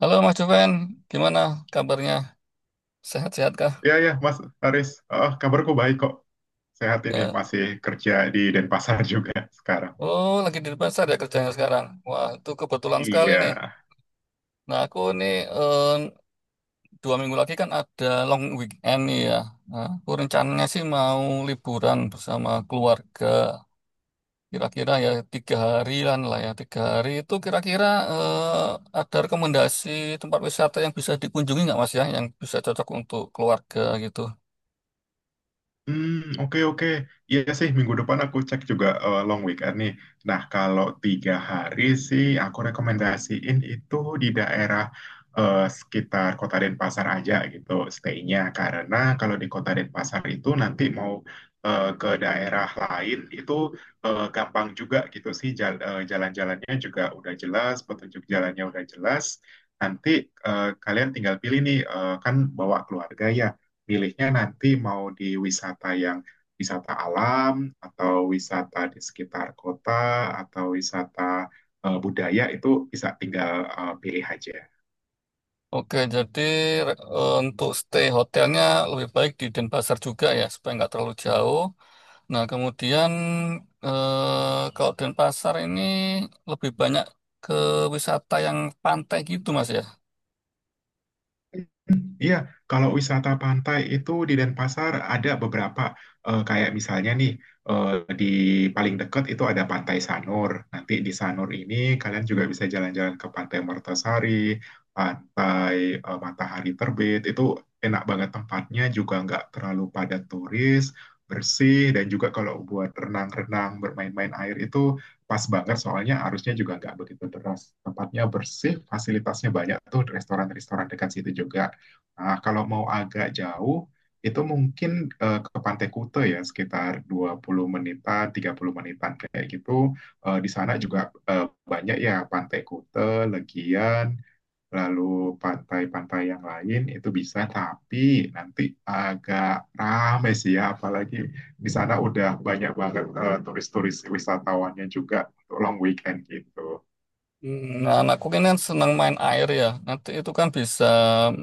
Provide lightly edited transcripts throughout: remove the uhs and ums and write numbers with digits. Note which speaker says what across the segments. Speaker 1: Halo Mas Juven, gimana kabarnya? Sehat-sehat kah?
Speaker 2: Iya, iya, Mas Haris. Oh, kabarku baik kok. Sehat ini,
Speaker 1: Ya.
Speaker 2: masih kerja di Denpasar juga sekarang.
Speaker 1: Oh, lagi di pasar ya kerjanya sekarang. Wah, itu kebetulan sekali
Speaker 2: Iya.
Speaker 1: nih. Nah, aku nih eh, 2 minggu lagi kan ada long weekend nih ya. Nah, aku rencananya sih mau liburan bersama keluarga. Kira-kira ya 3 harian lah ya. 3 hari itu kira-kira eh, ada rekomendasi tempat wisata yang bisa dikunjungi nggak Mas ya? Yang bisa cocok untuk keluarga gitu.
Speaker 2: Hmm, oke oke. Iya sih minggu depan aku cek juga long weekend nih. Nah, kalau tiga hari sih aku rekomendasiin itu di daerah sekitar Kota Denpasar aja gitu stay-nya. Karena kalau di Kota Denpasar itu nanti mau ke daerah lain itu gampang juga gitu sih, jalan-jalannya juga udah jelas, petunjuk jalannya udah jelas. Nanti kalian tinggal pilih nih, kan bawa keluarga ya, milihnya nanti mau di wisata yang wisata alam atau wisata di sekitar kota atau wisata budaya, itu bisa tinggal pilih aja.
Speaker 1: Oke, jadi untuk stay hotelnya lebih baik di Denpasar juga ya, supaya nggak terlalu jauh. Nah, kemudian kalau Denpasar ini lebih banyak ke wisata yang pantai gitu, Mas ya.
Speaker 2: Iya, kalau wisata pantai itu di Denpasar ada beberapa, kayak misalnya nih, eh, di paling dekat itu ada Pantai Sanur. Nanti di Sanur ini kalian juga bisa jalan-jalan ke Pantai Mertasari, Pantai Matahari Terbit. Itu enak banget tempatnya, juga nggak terlalu padat turis, bersih, dan juga kalau buat renang-renang, bermain-main air itu pas banget, soalnya arusnya juga nggak begitu deras. Tempatnya bersih, fasilitasnya banyak tuh, restoran-restoran dekat situ juga. Nah, kalau mau agak jauh, itu mungkin ke Pantai Kuta ya, sekitar 20 menitan, 30 menitan kayak gitu. Di sana juga eh, banyak ya, Pantai Kuta, Legian, lalu pantai-pantai yang lain itu bisa, tapi nanti agak rame sih ya, apalagi di sana udah banyak banget turis-turis, wisatawannya juga untuk long weekend gitu.
Speaker 1: Nah, anakku ini kan senang main air ya. Nanti itu kan bisa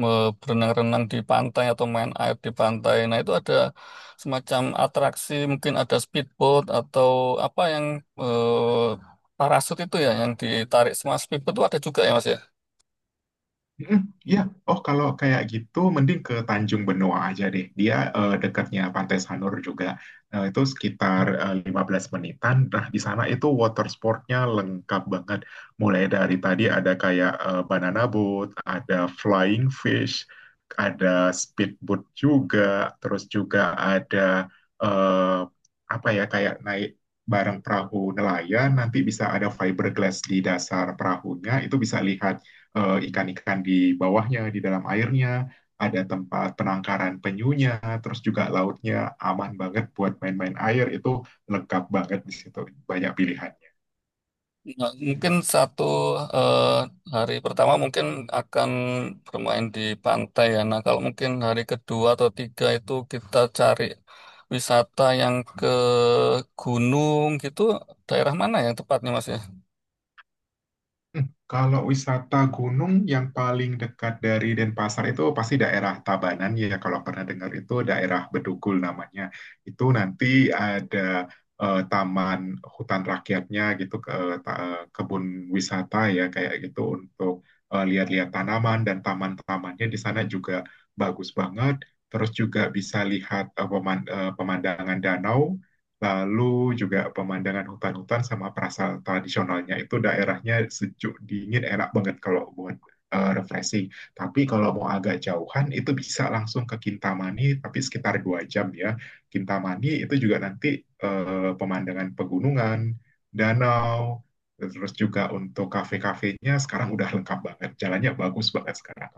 Speaker 1: berenang-renang di pantai atau main air di pantai. Nah, itu ada semacam atraksi, mungkin ada speedboat atau apa yang parasut itu ya, yang ditarik semua speedboat itu ada juga ya, Mas ya.
Speaker 2: Mm, iya. Oh, kalau kayak gitu mending ke Tanjung Benoa aja deh. Dia dekatnya Pantai Sanur juga. Nah, itu sekitar 15 menitan. Nah, di sana itu water sportnya lengkap banget. Mulai dari tadi ada kayak banana boat, ada flying fish, ada speedboat juga, terus juga ada, eh, apa ya, kayak naik bareng perahu nelayan, nanti bisa ada fiberglass di dasar perahunya, itu bisa lihat ikan-ikan di bawahnya, di dalam airnya, ada tempat penangkaran penyunya, terus juga lautnya aman banget buat main-main air, itu lengkap banget di situ, banyak pilihan.
Speaker 1: Nah, mungkin satu eh, hari pertama mungkin akan bermain di pantai ya. Nah, kalau mungkin hari kedua atau tiga itu kita cari wisata yang ke gunung gitu, daerah mana yang tepatnya Mas ya?
Speaker 2: Kalau wisata gunung yang paling dekat dari Denpasar itu pasti daerah Tabanan ya. Kalau pernah dengar itu daerah Bedugul namanya. Itu nanti ada taman hutan rakyatnya gitu, ke kebun wisata ya kayak gitu, untuk lihat-lihat tanaman, dan taman-tamannya di sana juga bagus banget. Terus juga bisa lihat pemandangan danau. Lalu juga pemandangan hutan-hutan sama perasaan tradisionalnya, itu daerahnya sejuk, dingin, enak banget kalau buat refreshing. Tapi kalau mau agak jauhan itu bisa langsung ke Kintamani, tapi sekitar 2 jam ya. Kintamani itu juga nanti pemandangan pegunungan, danau, terus juga untuk kafe-kafenya sekarang udah lengkap banget. Jalannya bagus banget sekarang.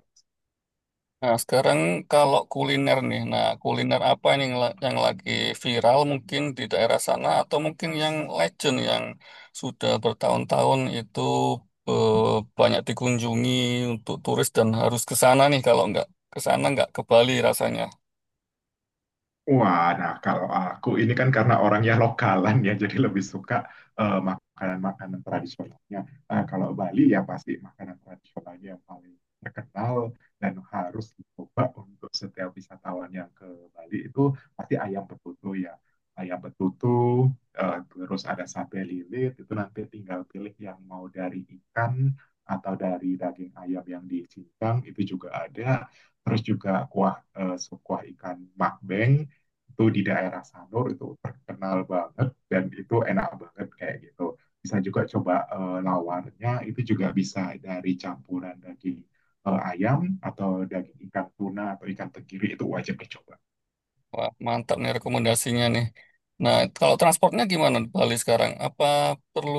Speaker 1: Nah, sekarang kalau kuliner nih, nah kuliner apa nih yang, yang lagi viral mungkin di daerah sana atau mungkin yang legend yang sudah bertahun-tahun itu eh, banyak dikunjungi untuk turis dan harus ke sana nih kalau nggak ke sana nggak ke Bali rasanya.
Speaker 2: Wah, nah kalau aku ini kan karena orangnya lokalan ya, jadi lebih suka makanan-makanan tradisionalnya. Nah, kalau Bali ya pasti makanan tradisionalnya yang paling terkenal dan harus dicoba untuk setiap wisatawan yang ke Bali itu pasti ayam betutu ya. Ayam betutu, terus ada sate lilit, itu nanti tinggal pilih yang mau dari ikan atau dari daging ayam yang dicincang, itu juga ada. Terus juga kuah, sup kuah ikan makbeng itu di daerah Sanur itu terkenal banget, dan itu enak banget kayak gitu. Bisa juga coba lawarnya, itu juga bisa dari campuran daging ayam atau daging ikan tuna atau ikan tenggiri, itu wajib dicoba.
Speaker 1: Wah, mantap nih rekomendasinya nih. Nah, kalau transportnya gimana di Bali sekarang? Apa perlu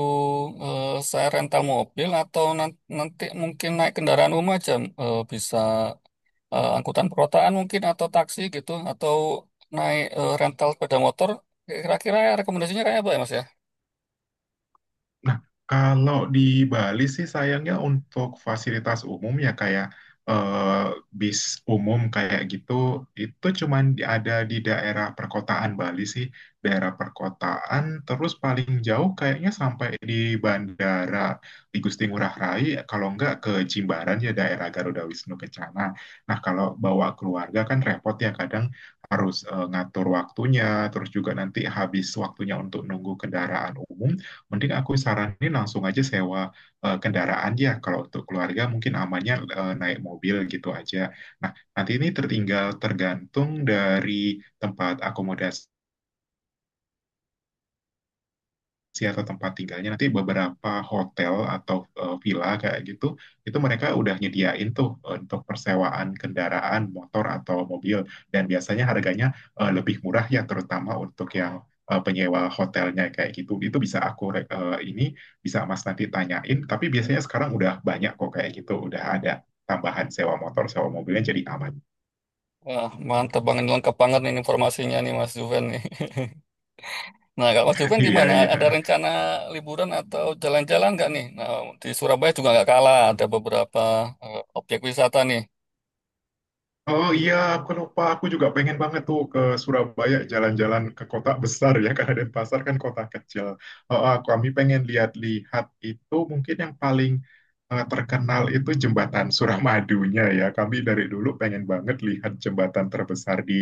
Speaker 1: eh, saya rental mobil atau nanti mungkin naik kendaraan umum aja bisa angkutan perkotaan mungkin atau taksi gitu atau naik rental sepeda motor kira-kira rekomendasinya kayak apa ya Mas ya?
Speaker 2: Nah, kalau di Bali sih sayangnya untuk fasilitas umum ya, kayak eh, bis umum kayak gitu, itu cuman ada di daerah perkotaan Bali sih. Daerah perkotaan, terus paling jauh kayaknya sampai di bandara di Gusti Ngurah Rai, kalau enggak ke Jimbaran ya daerah Garuda Wisnu Kencana. Nah, kalau bawa keluarga kan repot ya, kadang harus ngatur waktunya, terus juga nanti habis waktunya untuk nunggu kendaraan umum, mending aku saranin langsung aja sewa kendaraan ya. Kalau untuk keluarga mungkin amannya naik mobil gitu aja. Nah, nanti ini tertinggal tergantung dari tempat akomodasi si atau tempat tinggalnya, nanti beberapa hotel atau villa kayak gitu, itu mereka udah nyediain tuh untuk persewaan kendaraan motor atau mobil, dan biasanya harganya lebih murah ya, terutama untuk yang penyewa hotelnya kayak gitu, itu bisa aku ini bisa Mas nanti tanyain, tapi biasanya sekarang udah banyak kok kayak gitu, udah ada tambahan sewa motor, sewa mobilnya, jadi aman.
Speaker 1: Wah, mantap banget lengkap banget nih informasinya nih Mas Juven nih. Nah, kalau Mas Juven
Speaker 2: Iya,
Speaker 1: gimana?
Speaker 2: iya.
Speaker 1: Ada rencana liburan atau jalan-jalan nggak nih? Nah, di Surabaya juga nggak kalah ada beberapa objek wisata nih.
Speaker 2: Oh, iya, aku lupa. Aku juga pengen banget tuh ke Surabaya jalan-jalan ke kota besar ya, karena Denpasar kan kota kecil. Oh, kami pengen lihat-lihat itu, mungkin yang paling terkenal itu jembatan Suramadunya ya. Kami dari dulu pengen banget lihat jembatan terbesar di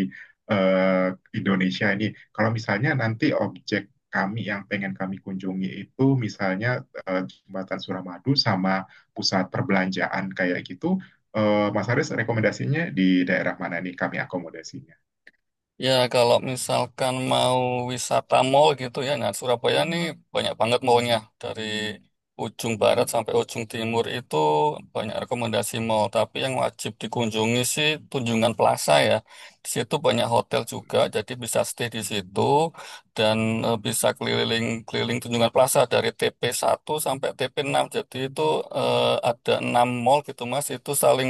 Speaker 2: eh, Indonesia ini. Kalau misalnya nanti objek kami yang pengen kami kunjungi itu misalnya jembatan Suramadu sama pusat perbelanjaan kayak gitu. Mas Haris, rekomendasinya di daerah mana nih kami akomodasinya?
Speaker 1: Ya, kalau misalkan mau wisata mall gitu ya, nah Surabaya nih banyak banget mallnya. Dari ujung barat sampai ujung timur itu banyak rekomendasi mall. Tapi yang wajib dikunjungi sih Tunjungan Plaza ya. Di situ banyak hotel juga, jadi bisa stay di situ dan bisa keliling-keliling Tunjungan Plaza dari TP 1 sampai TP 6. Jadi itu eh, ada 6 mall gitu Mas, itu saling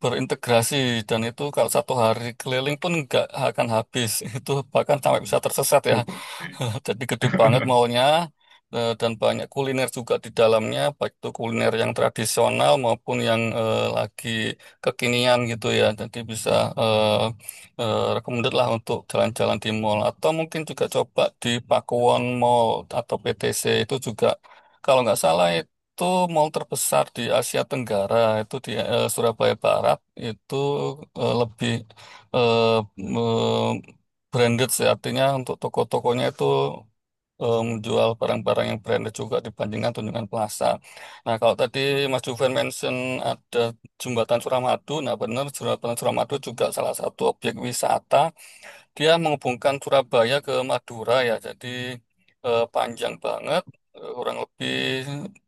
Speaker 1: berintegrasi dan itu kalau 1 hari keliling pun nggak akan habis itu bahkan sampai bisa tersesat ya jadi gede banget maunya dan banyak kuliner juga di dalamnya baik itu kuliner yang tradisional maupun yang lagi kekinian gitu ya jadi bisa eh, recommended lah untuk jalan-jalan di mall atau mungkin juga coba di Pakuwon Mall atau PTC itu juga kalau nggak salah itu mall terbesar di Asia Tenggara itu di Surabaya Barat itu lebih eh, me- branded sih artinya untuk toko-tokonya itu menjual barang-barang yang branded juga dibandingkan Tunjungan Plaza. Nah kalau tadi Mas Juven mention ada Jembatan Suramadu, nah benar Jembatan Suramadu juga salah satu objek wisata dia menghubungkan Surabaya ke Madura ya, jadi panjang banget, kurang lebih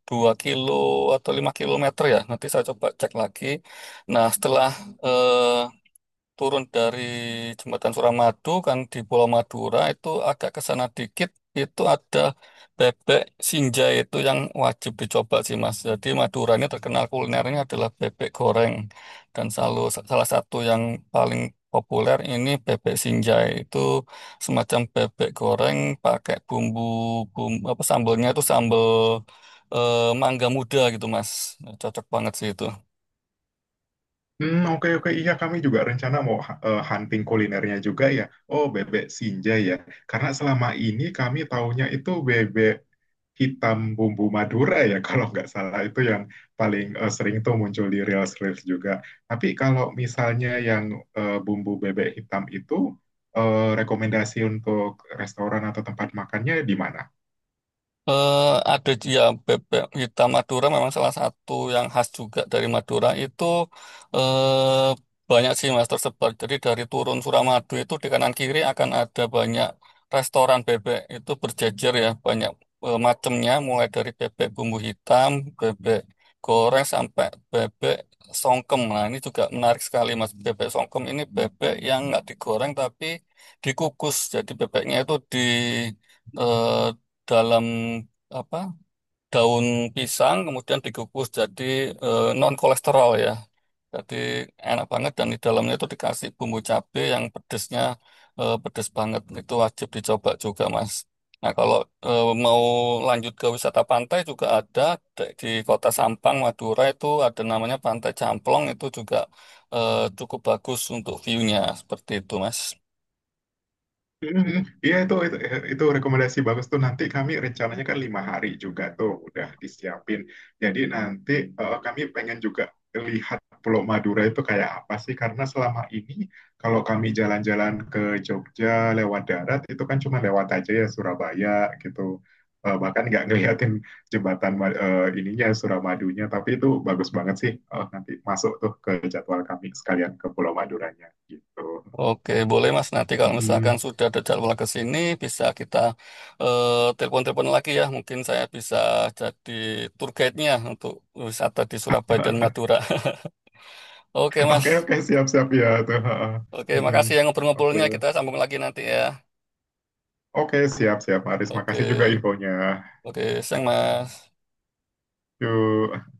Speaker 1: 2 kilo atau 5 kilometer ya. Nanti saya coba cek lagi. Nah, setelah eh, turun dari jembatan Suramadu kan di Pulau Madura itu agak ke sana dikit itu ada bebek sinjai itu yang wajib dicoba sih Mas. Jadi Madura ini terkenal kulinernya adalah bebek goreng dan selalu salah satu yang paling populer ini bebek sinjai itu semacam bebek goreng pakai bumbu bumbu apa sambalnya itu sambal eh, mangga muda gitu Mas. Cocok banget sih itu.
Speaker 2: Oke oke, iya kami juga rencana mau hunting kulinernya juga ya. Oh, bebek sinja ya. Karena selama ini kami taunya itu bebek hitam bumbu Madura ya, kalau nggak salah itu yang paling sering tuh muncul di reels-reels juga. Tapi kalau misalnya yang bumbu bebek hitam itu, rekomendasi untuk restoran atau tempat makannya di mana?
Speaker 1: Eh, ada ya bebek hitam Madura memang salah satu yang khas juga dari Madura itu eh, banyak sih mas tersebar. Jadi dari turun Suramadu itu di kanan kiri akan ada banyak restoran bebek itu berjejer ya banyak macamnya mulai dari bebek bumbu hitam, bebek goreng sampai bebek songkem. Nah ini juga menarik sekali mas bebek songkem ini bebek yang nggak digoreng tapi dikukus. Jadi bebeknya itu di eh, dalam apa daun pisang kemudian dikukus jadi non kolesterol ya. Jadi enak banget dan di dalamnya itu dikasih bumbu cabe yang pedesnya pedes banget. Itu wajib dicoba juga, Mas. Nah, kalau mau lanjut ke wisata pantai juga ada di Kota Sampang, Madura itu ada namanya Pantai Camplong itu juga cukup bagus untuk view-nya seperti itu, Mas.
Speaker 2: Mm, iya, itu rekomendasi bagus tuh, nanti kami rencananya kan 5 hari juga tuh udah disiapin. Jadi nanti kami pengen juga lihat Pulau Madura itu kayak apa sih, karena selama ini kalau kami jalan-jalan ke Jogja lewat darat itu kan cuma lewat aja ya Surabaya gitu. Bahkan nggak ngeliatin jembatan ininya Suramadunya, tapi itu bagus banget sih. Nanti masuk tuh ke jadwal kami sekalian ke Pulau Maduranya gitu.
Speaker 1: Oke, boleh Mas. Nanti kalau misalkan
Speaker 2: Mm.
Speaker 1: sudah ada jadwal ke sini, bisa kita telepon-telepon lagi ya. Mungkin saya bisa jadi tour guide-nya untuk wisata di Surabaya dan Madura. Oke,
Speaker 2: Oke,
Speaker 1: Mas.
Speaker 2: oke, siap, siap ya tuh. Ha, ha.
Speaker 1: Oke,
Speaker 2: Mm-mm.
Speaker 1: makasih ya
Speaker 2: Oke,
Speaker 1: ngobrol-ngobrolnya. Kita sambung lagi nanti ya.
Speaker 2: oke, siap, siap, Aris. Makasih juga
Speaker 1: Oke,
Speaker 2: infonya.
Speaker 1: oke, sayang Mas.
Speaker 2: Yuk.